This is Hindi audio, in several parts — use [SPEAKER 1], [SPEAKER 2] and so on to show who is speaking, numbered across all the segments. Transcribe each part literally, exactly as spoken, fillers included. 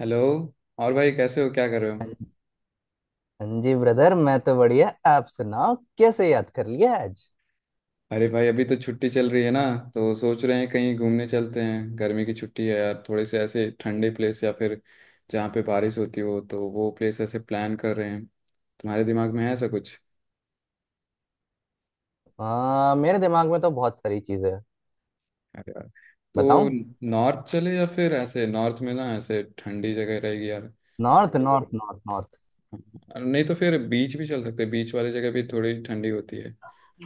[SPEAKER 1] हेलो। और भाई कैसे हो, क्या कर रहे हो?
[SPEAKER 2] हाँ जी ब्रदर, मैं तो बढ़िया। आप सुनाओ, कैसे याद कर लिया आज?
[SPEAKER 1] अरे भाई, अभी तो छुट्टी चल रही है ना। तो सोच रहे हैं कहीं घूमने चलते हैं। गर्मी की छुट्टी है यार, थोड़े से ऐसे ठंडे प्लेस या फिर जहाँ पे बारिश होती हो, तो वो प्लेस ऐसे प्लान कर रहे हैं। तुम्हारे दिमाग में है ऐसा कुछ?
[SPEAKER 2] आ, मेरे दिमाग में तो बहुत सारी चीजें हैं।
[SPEAKER 1] अरे यार, तो
[SPEAKER 2] बताऊं?
[SPEAKER 1] नॉर्थ चले या फिर ऐसे नॉर्थ में ना ऐसे ठंडी जगह रहेगी यार।
[SPEAKER 2] North north north north.
[SPEAKER 1] और नहीं तो फिर बीच भी चल सकते हैं, बीच वाली जगह भी थोड़ी ठंडी होती है।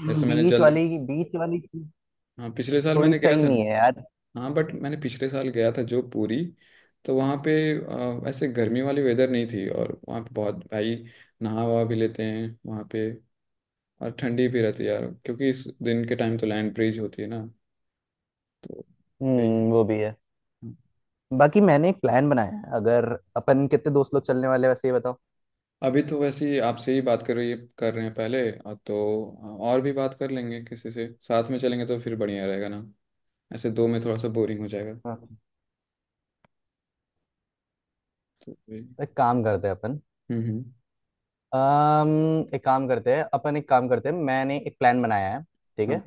[SPEAKER 1] जैसे मैंने
[SPEAKER 2] बीच
[SPEAKER 1] जल्द।
[SPEAKER 2] वाली बीच वाली चीज
[SPEAKER 1] हाँ, पिछले साल
[SPEAKER 2] थोड़ी
[SPEAKER 1] मैंने गया
[SPEAKER 2] सही
[SPEAKER 1] था
[SPEAKER 2] नहीं है
[SPEAKER 1] ना।
[SPEAKER 2] यार।
[SPEAKER 1] हाँ बट मैंने पिछले साल गया था जो पूरी। तो वहाँ पे अ, ऐसे गर्मी वाली वेदर नहीं थी, और वहाँ पे बहुत भाई नहा वहा भी लेते हैं वहाँ पे। और ठंडी भी रहती है यार, क्योंकि इस दिन के टाइम तो लैंड ब्रीज होती है ना। तो वही है।
[SPEAKER 2] हम्म, वो भी है। बाकी मैंने एक प्लान बनाया है, अगर अपन कितने दोस्त लोग चलने वाले हैं, वैसे ये बताओ।
[SPEAKER 1] अभी तो वैसे ही आपसे ही बात कर रही कर रहे हैं पहले, और तो और भी बात कर लेंगे। किसी से साथ में चलेंगे तो फिर बढ़िया रहेगा ना, ऐसे दो में थोड़ा सा बोरिंग हो जाएगा।
[SPEAKER 2] हाँ तो
[SPEAKER 1] तो वही।
[SPEAKER 2] एक काम करते हैं अपन
[SPEAKER 1] हम्म हम्म
[SPEAKER 2] अम एक काम करते हैं अपन एक काम करते हैं, मैंने एक प्लान बनाया है। ठीक है
[SPEAKER 1] हाँ।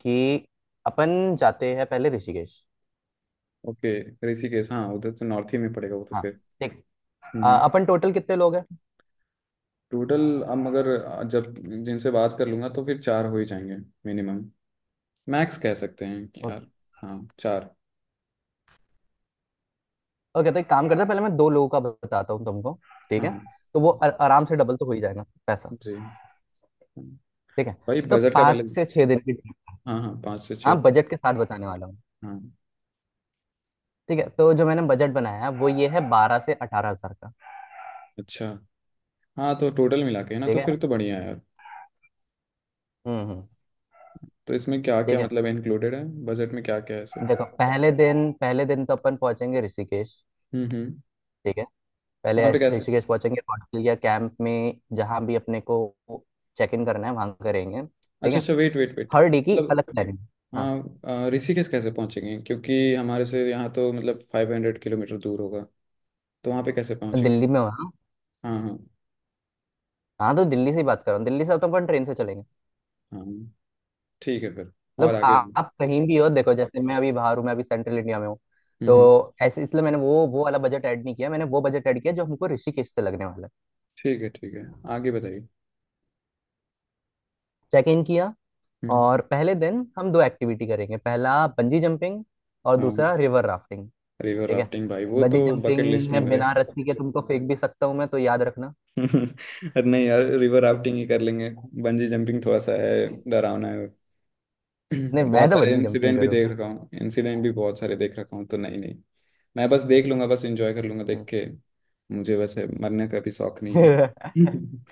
[SPEAKER 2] कि अपन जाते हैं पहले ऋषिकेश।
[SPEAKER 1] ओके। ऋषिकेश, हाँ उधर तो नॉर्थ ही में पड़ेगा वो तो
[SPEAKER 2] हाँ,
[SPEAKER 1] फिर।
[SPEAKER 2] ठीक। अ,
[SPEAKER 1] हम्म।
[SPEAKER 2] अपन टोटल कितने लोग हैं?
[SPEAKER 1] टोटल अब मगर, जब जिनसे बात कर लूंगा तो फिर चार हो ही जाएंगे मिनिमम। मैक्स कह सकते हैं कि
[SPEAKER 2] ओके।
[SPEAKER 1] यार, हाँ, चार।
[SPEAKER 2] ओके, तो एक काम करते हैं, पहले मैं दो लोगों का बताता हूँ तुमको। ठीक है
[SPEAKER 1] हाँ
[SPEAKER 2] तो वो आ- आराम से डबल तो हो ही जाएगा पैसा।
[SPEAKER 1] जी।
[SPEAKER 2] ठीक है,
[SPEAKER 1] भाई
[SPEAKER 2] तो
[SPEAKER 1] बजट का पहले।
[SPEAKER 2] पाँच से छः दिन की ट्रिप।
[SPEAKER 1] हाँ हाँ, पाँच से छः
[SPEAKER 2] हाँ,
[SPEAKER 1] दिन
[SPEAKER 2] बजट के साथ बताने वाला हूँ।
[SPEAKER 1] हाँ।
[SPEAKER 2] ठीक है, तो जो मैंने बजट बनाया है वो ये है बारह से अठारह हजार का।
[SPEAKER 1] अच्छा। हाँ तो टोटल मिला के है ना,
[SPEAKER 2] ठीक
[SPEAKER 1] तो
[SPEAKER 2] है।
[SPEAKER 1] फिर तो बढ़िया है यार।
[SPEAKER 2] हम्म हम्म।
[SPEAKER 1] तो इसमें क्या
[SPEAKER 2] ठीक
[SPEAKER 1] क्या
[SPEAKER 2] है,
[SPEAKER 1] मतलब इंक्लूडेड है बजट में, क्या क्या है ऐसे?
[SPEAKER 2] देखो, पहले दिन पहले दिन तो अपन पहुंचेंगे ऋषिकेश।
[SPEAKER 1] हम्म हम्म
[SPEAKER 2] ठीक है। पहले
[SPEAKER 1] वहाँ पे
[SPEAKER 2] ऐश-
[SPEAKER 1] कैसे?
[SPEAKER 2] ऋषिकेश पहुंचेंगे, ऑटकिलिया कैंप में। जहाँ भी अपने को चेक इन करना है वहाँ करेंगे, ठीक
[SPEAKER 1] अच्छा
[SPEAKER 2] है।
[SPEAKER 1] अच्छा, वेट वेट वेट।
[SPEAKER 2] हर डे की
[SPEAKER 1] मतलब,
[SPEAKER 2] अलग प्लानिंग। हाँ,
[SPEAKER 1] हाँ, अ, ऋषिकेश कैसे पहुँचेंगे? क्योंकि हमारे से यहाँ तो मतलब फाइव हंड्रेड किलोमीटर दूर होगा। तो वहाँ पे कैसे पहुँचेंगे?
[SPEAKER 2] दिल्ली में वहाँ।
[SPEAKER 1] हाँ हाँ।
[SPEAKER 2] हाँ, तो दिल्ली से ही बात कर रहा हूँ, दिल्ली से तो अपन ट्रेन से चलेंगे।
[SPEAKER 1] हाँ ठीक है फिर, और
[SPEAKER 2] मतलब
[SPEAKER 1] आगे।
[SPEAKER 2] आ-
[SPEAKER 1] हम्म।
[SPEAKER 2] आप कहीं भी हो, देखो जैसे मैं अभी बाहर हूँ, मैं अभी सेंट्रल इंडिया में हूँ। तो
[SPEAKER 1] हम्म,
[SPEAKER 2] ऐसे इसलिए मैंने वो वो वाला बजट ऐड नहीं किया, मैंने वो बजट ऐड किया जो हमको ऋषिकेश से लगने वाला है।
[SPEAKER 1] ठीक है ठीक है। आगे बताइए।
[SPEAKER 2] चेक इन किया,
[SPEAKER 1] हम्म।
[SPEAKER 2] और पहले दिन हम दो एक्टिविटी करेंगे, पहला बंजी जंपिंग और
[SPEAKER 1] हाँ,
[SPEAKER 2] दूसरा रिवर राफ्टिंग।
[SPEAKER 1] रिवर
[SPEAKER 2] ठीक है,
[SPEAKER 1] राफ्टिंग भाई वो
[SPEAKER 2] बंजी
[SPEAKER 1] तो बकेट
[SPEAKER 2] जंपिंग
[SPEAKER 1] लिस्ट में
[SPEAKER 2] में
[SPEAKER 1] मेरे।
[SPEAKER 2] बिना रस्सी के तुमको फेंक भी सकता हूँ मैं, तो याद रखना।
[SPEAKER 1] अरे नहीं यार, रिवर राफ्टिंग ही कर लेंगे। बंजी जंपिंग थोड़ा सा है, डरावना है।
[SPEAKER 2] नहीं, मैं
[SPEAKER 1] बहुत
[SPEAKER 2] तो
[SPEAKER 1] सारे
[SPEAKER 2] बंजी जंपिंग
[SPEAKER 1] इंसिडेंट भी देख
[SPEAKER 2] करूंगा।
[SPEAKER 1] रखा हूँ, इंसिडेंट भी बहुत सारे देख रखा हूँ, तो नहीं नहीं। मैं बस देख लूंगा, बस एंजॉय कर लूंगा देख
[SPEAKER 2] हम्म।
[SPEAKER 1] के। मुझे वैसे मरने का भी शौक नहीं है।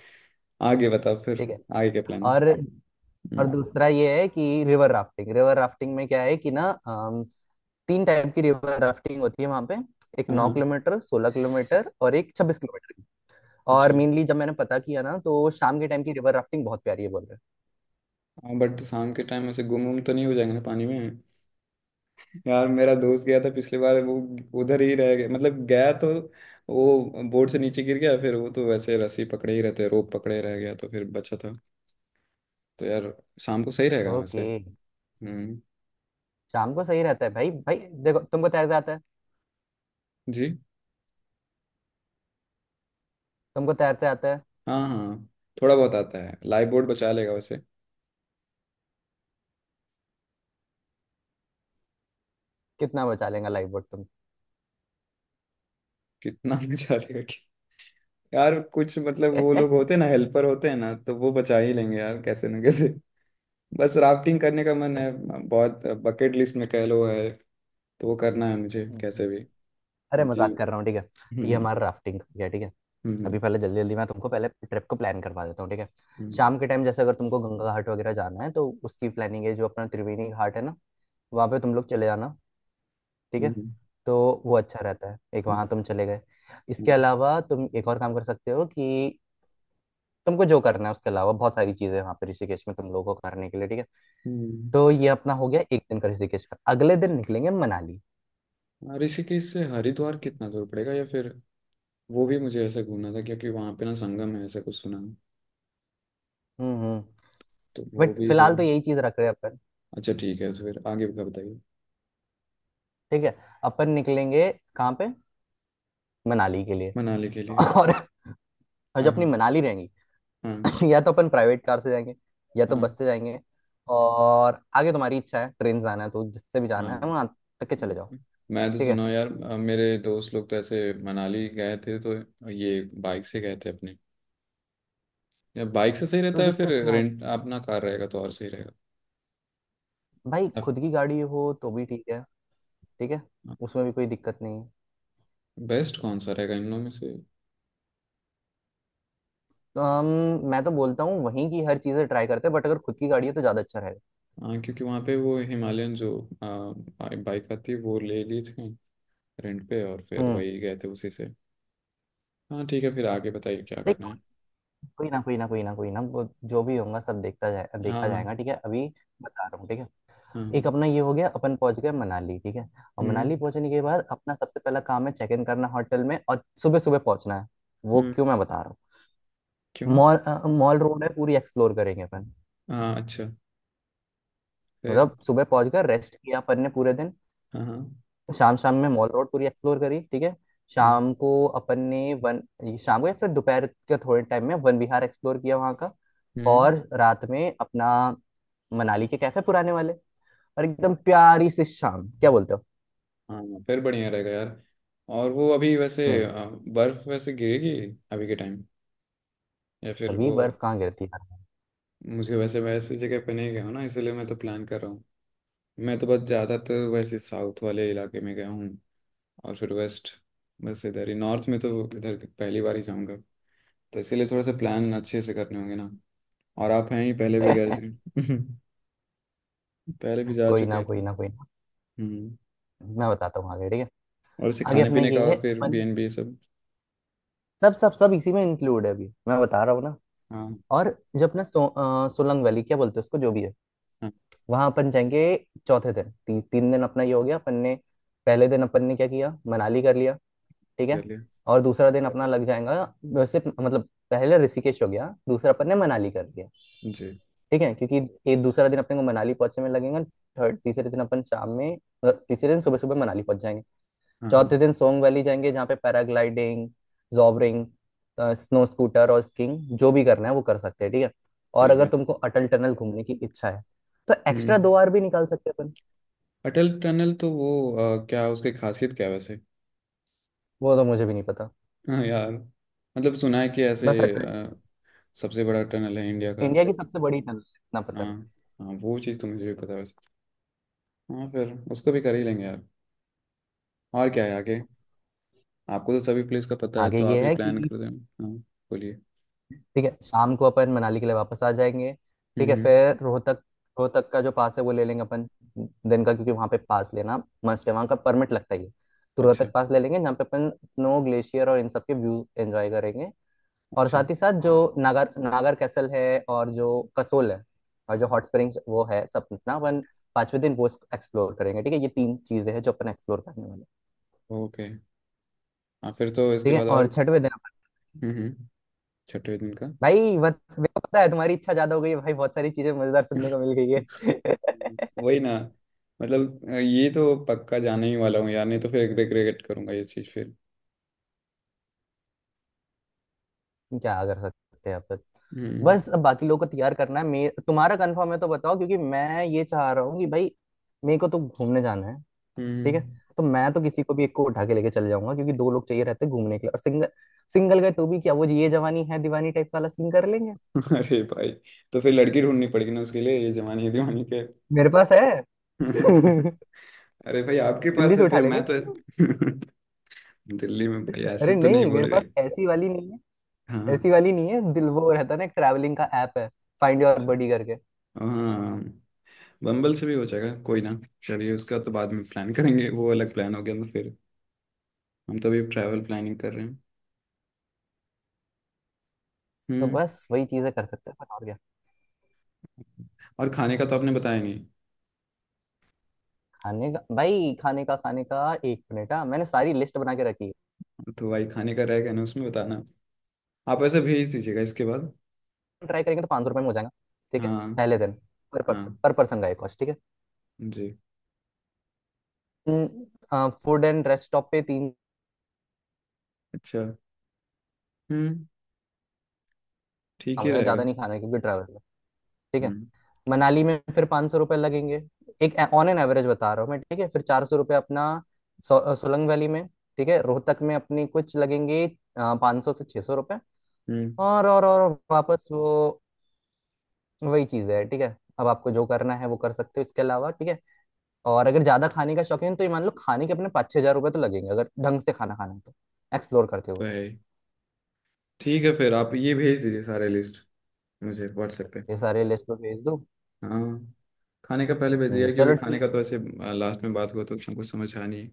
[SPEAKER 1] आगे बताओ फिर,
[SPEAKER 2] ठीक है।
[SPEAKER 1] आगे क्या प्लान है?
[SPEAKER 2] और और
[SPEAKER 1] हम्म,
[SPEAKER 2] दूसरा ये है कि रिवर राफ्टिंग रिवर राफ्टिंग में क्या है कि ना, अम, तीन टाइप की रिवर राफ्टिंग होती है वहां पे। एक
[SPEAKER 1] हाँ
[SPEAKER 2] नौ
[SPEAKER 1] हाँ,
[SPEAKER 2] किलोमीटर सोलह किलोमीटर और एक छब्बीस किलोमीटर की। और
[SPEAKER 1] अच्छा।
[SPEAKER 2] मेनली जब मैंने पता किया ना, तो शाम के टाइम की रिवर राफ्टिंग बहुत प्यारी है बोल रहे
[SPEAKER 1] हाँ बट शाम के टाइम ऐसे गुम गुम तो नहीं हो जाएंगे ना पानी में? यार मेरा दोस्त गया था पिछली बार, वो उधर ही रह गया मतलब। गया तो वो बोर्ड से नीचे गिर गया, फिर वो तो वैसे रस्सी पकड़े ही रहते, रोप पकड़े रह गया तो फिर बचा था। तो यार शाम को सही
[SPEAKER 2] हैं।
[SPEAKER 1] रहेगा ना वैसे।
[SPEAKER 2] ओके,
[SPEAKER 1] हम्म।
[SPEAKER 2] शाम को सही रहता है भाई भाई। देखो, तुमको तैरते आता है?
[SPEAKER 1] जी।
[SPEAKER 2] तुमको तैरते आता है?
[SPEAKER 1] हाँ हाँ, थोड़ा बहुत आता है, लाइफ बोर्ड बचा लेगा वैसे।
[SPEAKER 2] कितना बचा लेगा लाइफ बोट?
[SPEAKER 1] कितना बचा लेगा कि, यार कुछ मतलब वो लोग होते हैं ना, हेल्पर होते हैं ना, तो वो बचा ही लेंगे यार कैसे ना कैसे। बस राफ्टिंग करने का मन है, बहुत बकेट लिस्ट में कह लो है। तो वो करना है मुझे
[SPEAKER 2] तुम
[SPEAKER 1] कैसे भी।
[SPEAKER 2] अरे
[SPEAKER 1] अभी।
[SPEAKER 2] मजाक कर रहा हूँ, ठीक है। ये
[SPEAKER 1] हम्म।
[SPEAKER 2] हमारा राफ्टिंग है, ठीक है। अभी
[SPEAKER 1] हम्म
[SPEAKER 2] पहले जल्दी जल्दी मैं तुमको पहले ट्रिप को प्लान करवा देता हूँ, ठीक है।
[SPEAKER 1] हम्म,
[SPEAKER 2] शाम के टाइम जैसे अगर तुमको गंगा घाट वगैरह जाना है, तो उसकी प्लानिंग है, जो अपना त्रिवेणी घाट है ना, वहाँ पे तुम लोग चले जाना, ठीक है।
[SPEAKER 1] हम्म, हम्म,
[SPEAKER 2] तो वो अच्छा रहता है, एक वहाँ
[SPEAKER 1] हम्म,
[SPEAKER 2] तुम चले गए। इसके
[SPEAKER 1] हम्म।
[SPEAKER 2] अलावा तुम एक और काम कर सकते हो कि तुमको जो करना है उसके अलावा बहुत सारी चीजें हैं वहाँ पे ऋषिकेश में तुम लोगों को करने के लिए, ठीक है।
[SPEAKER 1] हम्म,
[SPEAKER 2] तो ये अपना हो गया एक दिन का ऋषिकेश का, अगले दिन निकलेंगे मनाली।
[SPEAKER 1] हम्म। ऋषिकेश से हरिद्वार
[SPEAKER 2] ठीक?
[SPEAKER 1] कितना दूर पड़ेगा, या फिर वो भी मुझे ऐसा घूमना था, क्योंकि वहाँ पे ना संगम है ऐसा कुछ सुना है।
[SPEAKER 2] हम्म हम्म,
[SPEAKER 1] तो वो
[SPEAKER 2] बट
[SPEAKER 1] भी
[SPEAKER 2] फिलहाल
[SPEAKER 1] थोड़ा।
[SPEAKER 2] तो यही चीज रख रहे हैं अपन।
[SPEAKER 1] अच्छा ठीक है, तो फिर आगे का बताइए।
[SPEAKER 2] ठीक है, अपन निकलेंगे कहाँ पे? मनाली के लिए।
[SPEAKER 1] मनाली के लिए।
[SPEAKER 2] और, और
[SPEAKER 1] हाँ
[SPEAKER 2] जब अपनी
[SPEAKER 1] हाँ।
[SPEAKER 2] मनाली रहेंगी।
[SPEAKER 1] हाँ।
[SPEAKER 2] या तो अपन प्राइवेट कार से जाएंगे, या तो बस
[SPEAKER 1] हाँ
[SPEAKER 2] से जाएंगे। और आगे तुम्हारी इच्छा है ट्रेन से जाना है तो जिससे भी
[SPEAKER 1] हाँ।
[SPEAKER 2] जाना है वहां तक के चले जाओ।
[SPEAKER 1] हम्म। मैं तो
[SPEAKER 2] ठीक है,
[SPEAKER 1] सुना हूँ यार, अ, मेरे दोस्त लोग तो ऐसे मनाली गए थे, तो ये बाइक से गए थे अपने। या बाइक से सही रहता
[SPEAKER 2] तो
[SPEAKER 1] है, फिर
[SPEAKER 2] दिक्कत क्या है?
[SPEAKER 1] रेंट अपना कार रहेगा तो और सही रहेगा।
[SPEAKER 2] भाई खुद की गाड़ी हो तो भी ठीक है, ठीक है। उसमें भी कोई दिक्कत नहीं है।
[SPEAKER 1] बेस्ट कौन सा रहेगा इन लोगों में से?
[SPEAKER 2] तो हम, मैं तो बोलता हूँ वहीं की हर चीजें ट्राई करते हैं, बट अगर खुद की गाड़ी है तो ज्यादा अच्छा रहेगा।
[SPEAKER 1] हाँ, क्योंकि वहाँ पे वो हिमालयन जो बाइक आती है वो ले ली थी रेंट पे, और फिर वही गए थे उसी से। हाँ ठीक है, फिर आगे बताइए क्या
[SPEAKER 2] हम्म,
[SPEAKER 1] करना है।
[SPEAKER 2] कोई ना कोई ना कोई ना कोई ना, वो जो भी होगा सब देखता जाए,
[SPEAKER 1] हाँ
[SPEAKER 2] देखा
[SPEAKER 1] हाँ।
[SPEAKER 2] जाएगा ठीक है। अभी बता रहा हूँ, ठीक है।
[SPEAKER 1] हाँ
[SPEAKER 2] एक
[SPEAKER 1] हाँ।
[SPEAKER 2] अपना ये हो गया, अपन पहुंच गए मनाली, ठीक है। और
[SPEAKER 1] हम्म
[SPEAKER 2] मनाली पहुंचने के बाद अपना सबसे पहला काम है चेक इन करना होटल में, और सुबह सुबह पहुंचना है। वो
[SPEAKER 1] हम्म
[SPEAKER 2] क्यों, मैं बता रहा हूँ।
[SPEAKER 1] क्यों?
[SPEAKER 2] मॉल अ, मॉल रोड है, पूरी एक्सप्लोर करेंगे अपन।
[SPEAKER 1] हाँ, अच्छा, फिर?
[SPEAKER 2] मतलब सुबह पहुंच कर रेस्ट किया अपन ने पूरे दिन।
[SPEAKER 1] हाँ हाँ।
[SPEAKER 2] शाम शाम में मॉल रोड पूरी एक्सप्लोर करी, ठीक है।
[SPEAKER 1] हाँ।
[SPEAKER 2] शाम को अपन ने वन, ये शाम को या फिर दोपहर के थोड़े टाइम में वन विहार एक्सप्लोर किया वहाँ का।
[SPEAKER 1] हम्म।
[SPEAKER 2] और रात में अपना मनाली के कैफे पुराने वाले, और एकदम प्यारी सी शाम, क्या बोलते हो?
[SPEAKER 1] हाँ हाँ, फिर बढ़िया रहेगा यार। और वो अभी वैसे
[SPEAKER 2] हम्म,
[SPEAKER 1] अ, बर्फ वैसे गिरेगी अभी के टाइम, या फिर
[SPEAKER 2] अभी
[SPEAKER 1] वो?
[SPEAKER 2] बर्फ कहाँ गिरती है
[SPEAKER 1] मुझे वैसे वैसे जगह पे नहीं गया हूँ ना, इसलिए मैं तो प्लान कर रहा। मैं तो बस ज़्यादातर वैसे साउथ वाले इलाके में गया हूँ, और फिर वेस्ट। बस इधर ही नॉर्थ में तो इधर पहली बार ही जाऊँगा। तो इसीलिए थोड़ा सा प्लान अच्छे से करने होंगे ना। और आप हैं ही, पहले भी गए
[SPEAKER 2] यार?
[SPEAKER 1] थे। पहले भी जा
[SPEAKER 2] कोई
[SPEAKER 1] चुके
[SPEAKER 2] ना
[SPEAKER 1] हैं तो।
[SPEAKER 2] कोई ना कोई ना,
[SPEAKER 1] हम्म।
[SPEAKER 2] मैं बताता हूँ आगे, ठीक है।
[SPEAKER 1] और इसे
[SPEAKER 2] आगे
[SPEAKER 1] खाने
[SPEAKER 2] अपना
[SPEAKER 1] पीने का,
[SPEAKER 2] ये है
[SPEAKER 1] और फिर
[SPEAKER 2] अपन,
[SPEAKER 1] बी एन बी सब।
[SPEAKER 2] सब सब सब इसी में इंक्लूड है, अभी मैं बता रहा हूँ ना।
[SPEAKER 1] हाँ।
[SPEAKER 2] और जो अपना सो, अ, सोलंग वैली क्या बोलते हैं उसको, जो भी है,
[SPEAKER 1] हाँ,
[SPEAKER 2] वहां अपन जाएंगे चौथे दिन। ती, तीन दिन अपना ये हो गया, अपन ने पहले दिन अपन ने क्या किया, मनाली कर लिया। ठीक है,
[SPEAKER 1] कर लिया।
[SPEAKER 2] और दूसरा दिन अपना लग जाएगा। वैसे मतलब पहले ऋषिकेश हो गया, दूसरा अपन ने मनाली कर दिया,
[SPEAKER 1] जी।
[SPEAKER 2] ठीक है। क्योंकि ये दूसरा दिन अपने को मनाली पहुंचने में लगेगा। थर्ड, तीसरे दिन अपन शाम में, मतलब तीसरे दिन सुबह सुबह मनाली पहुंच जाएंगे।
[SPEAKER 1] हाँ हाँ
[SPEAKER 2] चौथे दिन सोंग वैली जाएंगे, जहाँ पे पैराग्लाइडिंग, जॉबरिंग, स्नो स्कूटर और स्कीइंग, जो भी करना है वो कर सकते हैं, ठीक है। और
[SPEAKER 1] ठीक
[SPEAKER 2] अगर
[SPEAKER 1] है।
[SPEAKER 2] तुमको अटल टनल घूमने की इच्छा है, तो एक्स्ट्रा
[SPEAKER 1] हम्म।
[SPEAKER 2] दो आवर भी निकाल सकते हैं अपन।
[SPEAKER 1] अटल टनल तो वो, अ, क्या उसकी खासियत क्या है वैसे?
[SPEAKER 2] वो तो मुझे भी नहीं पता,
[SPEAKER 1] हाँ यार मतलब सुना है कि ऐसे,
[SPEAKER 2] बस अटल,
[SPEAKER 1] अ, सबसे बड़ा टनल है इंडिया का।
[SPEAKER 2] इंडिया की सबसे बड़ी टनल है, इतना पता
[SPEAKER 1] हाँ।
[SPEAKER 2] है।
[SPEAKER 1] हाँ वो चीज़ तो मुझे भी पता है वैसे। हाँ, फिर उसको भी कर ही लेंगे यार। और क्या है आगे? आपको तो सभी प्लेस का पता है,
[SPEAKER 2] आगे
[SPEAKER 1] तो आप
[SPEAKER 2] ये
[SPEAKER 1] ही
[SPEAKER 2] है
[SPEAKER 1] प्लान
[SPEAKER 2] कि,
[SPEAKER 1] कर दें। हाँ, बोलिए।
[SPEAKER 2] ठीक है, शाम को अपन मनाली के लिए वापस आ जाएंगे। ठीक
[SPEAKER 1] हम्म
[SPEAKER 2] है,
[SPEAKER 1] हम्म
[SPEAKER 2] फिर रोहतक, रोहतक का जो पास है वो ले लेंगे अपन, दिन का। क्योंकि वहाँ पे पास लेना मस्ट है, वहाँ का परमिट लगता ही है। तो
[SPEAKER 1] अच्छा
[SPEAKER 2] रोहतक पास ले लेंगे, जहाँ पे अपन स्नो ग्लेशियर और इन सब के व्यू एंजॉय करेंगे। और
[SPEAKER 1] अच्छा।
[SPEAKER 2] साथ ही साथ जो नागर नागर कैसल है, और जो कसोल है, और जो हॉट स्प्रिंग्स वो है, सब अपना अपन पांचवें दिन वो एक्सप्लोर करेंगे, ठीक है। ये तीन चीजें हैं जो अपन एक्सप्लोर करने वाले हैं।
[SPEAKER 1] ओके। हाँ फिर, तो इसके
[SPEAKER 2] ठीक है,
[SPEAKER 1] बाद
[SPEAKER 2] और
[SPEAKER 1] और?
[SPEAKER 2] छठवें दिन अपन,
[SPEAKER 1] हम्म हम्म छठे दिन का?
[SPEAKER 2] भाई बत, मेरे को पता है तुम्हारी इच्छा ज्यादा हो गई है भाई, बहुत सारी चीजें मजेदार सुनने को मिल गई है।
[SPEAKER 1] वही ना, मतलब ये तो पक्का जाने ही वाला हूँ यार, नहीं तो फिर रिग्रेट करूंगा ये चीज़ फिर।
[SPEAKER 2] क्या कर सकते हैं अपन।
[SPEAKER 1] हम्म।
[SPEAKER 2] बस अब बाकी लोगों को तैयार करना है, मे तुम्हारा कंफर्म है तो बताओ, क्योंकि मैं ये चाह रहा हूँ कि भाई मेरे को तो घूमने जाना है, ठीक है।
[SPEAKER 1] हम्म।
[SPEAKER 2] तो मैं तो किसी को भी एक को उठा के लेके चले जाऊंगा, क्योंकि दो लोग चाहिए रहते हैं घूमने के लिए। और सिंगल सिंगल गए तो भी क्या, वो ये जवानी है दीवानी टाइप वाला सीन कर लेंगे।
[SPEAKER 1] अरे भाई, तो फिर लड़की ढूंढनी पड़ेगी ना उसके लिए, ये जवानी दीवानी के।
[SPEAKER 2] मेरे पास है।
[SPEAKER 1] अरे भाई आपके
[SPEAKER 2] दिल्ली
[SPEAKER 1] पास
[SPEAKER 2] से
[SPEAKER 1] है,
[SPEAKER 2] उठा
[SPEAKER 1] फिर मैं
[SPEAKER 2] लेंगे।
[SPEAKER 1] तो दिल्ली में भाई ऐसे
[SPEAKER 2] अरे
[SPEAKER 1] तो नहीं
[SPEAKER 2] नहीं, मेरे
[SPEAKER 1] बोली रही।
[SPEAKER 2] पास ऐसी वाली नहीं,
[SPEAKER 1] हाँ।
[SPEAKER 2] ऐसी वाली नहीं है। दिल वो रहता है ना, एक ट्रैवलिंग का ऐप है फाइंड योर
[SPEAKER 1] अच्छा।
[SPEAKER 2] बडी करके।
[SPEAKER 1] हाँ, बम्बल से भी हो जाएगा कोई ना। चलिए उसका तो बाद में प्लान करेंगे, वो अलग प्लान हो गया तो फिर। हम तो अभी ट्रैवल प्लानिंग कर रहे हैं।
[SPEAKER 2] तो
[SPEAKER 1] हम्म।
[SPEAKER 2] बस वही चीजें कर सकते हैं पर, और क्या?
[SPEAKER 1] और खाने का तो आपने बताया नहीं।
[SPEAKER 2] खाने का, भाई खाने का, खाने का एक मिनट, हाँ मैंने सारी लिस्ट बना के रखी है।
[SPEAKER 1] तो भाई खाने का रहेगा ना, उसमें बताना। आप ऐसे भेज दीजिएगा इसके बाद।
[SPEAKER 2] ट्राई करेंगे तो पाँच सौ रुपये में हो जाएगा, ठीक है,
[SPEAKER 1] हाँ।
[SPEAKER 2] पहले दिन। पर
[SPEAKER 1] हाँ
[SPEAKER 2] पर्सन, पर पर्सन का ये कॉस्ट, ठीक
[SPEAKER 1] जी।
[SPEAKER 2] है, फूड एंड रेस्ट स्टॉप पे तीन
[SPEAKER 1] अच्छा। हम्म, ठीक
[SPEAKER 2] काम
[SPEAKER 1] ही
[SPEAKER 2] हो जाए, ज़्यादा
[SPEAKER 1] रहेगा।
[SPEAKER 2] नहीं खाना है क्योंकि ट्रैवल, ठीक है।
[SPEAKER 1] हम्म
[SPEAKER 2] मनाली में फिर पाँच सौ रुपये लगेंगे, एक ऑन एन एवरेज बता रहा हूँ मैं, ठीक है। फिर चार सौ रुपये अपना सो, अ, सोलंग वैली में, ठीक है। रोहतक में अपनी कुछ लगेंगे, पाँच सौ से छः सौ रुपये।
[SPEAKER 1] हम्म
[SPEAKER 2] और और और वापस वो, वही चीज़ है, ठीक है। अब आपको जो करना है वो कर सकते हो इसके अलावा, ठीक है। और अगर ज़्यादा खाने का शौकीन, तो ये मान लो खाने के अपने पाँच छः हज़ार रुपये तो लगेंगे, अगर ढंग से खाना खाना है तो, एक्सप्लोर करते
[SPEAKER 1] तो
[SPEAKER 2] हुए।
[SPEAKER 1] है ही। ठीक है फिर, आप ये भेज दीजिए सारे लिस्ट मुझे व्हाट्सएप पे।
[SPEAKER 2] ये सारे लिस्ट पे भेज दो।
[SPEAKER 1] हाँ, खाने का पहले भेज दिया,
[SPEAKER 2] हम्म,
[SPEAKER 1] क्योंकि
[SPEAKER 2] चलो
[SPEAKER 1] खाने का
[SPEAKER 2] ठीक।
[SPEAKER 1] तो ऐसे लास्ट में बात हुआ तो उसमें कुछ समझ आ नहीं है,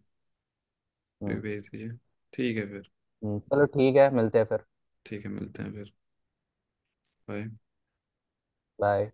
[SPEAKER 1] फिर
[SPEAKER 2] हम्म
[SPEAKER 1] भेज दीजिए। ठीक है फिर।
[SPEAKER 2] हम्म, चलो ठीक है, मिलते हैं फिर।
[SPEAKER 1] ठीक है, मिलते हैं फिर। बाय।
[SPEAKER 2] बाय।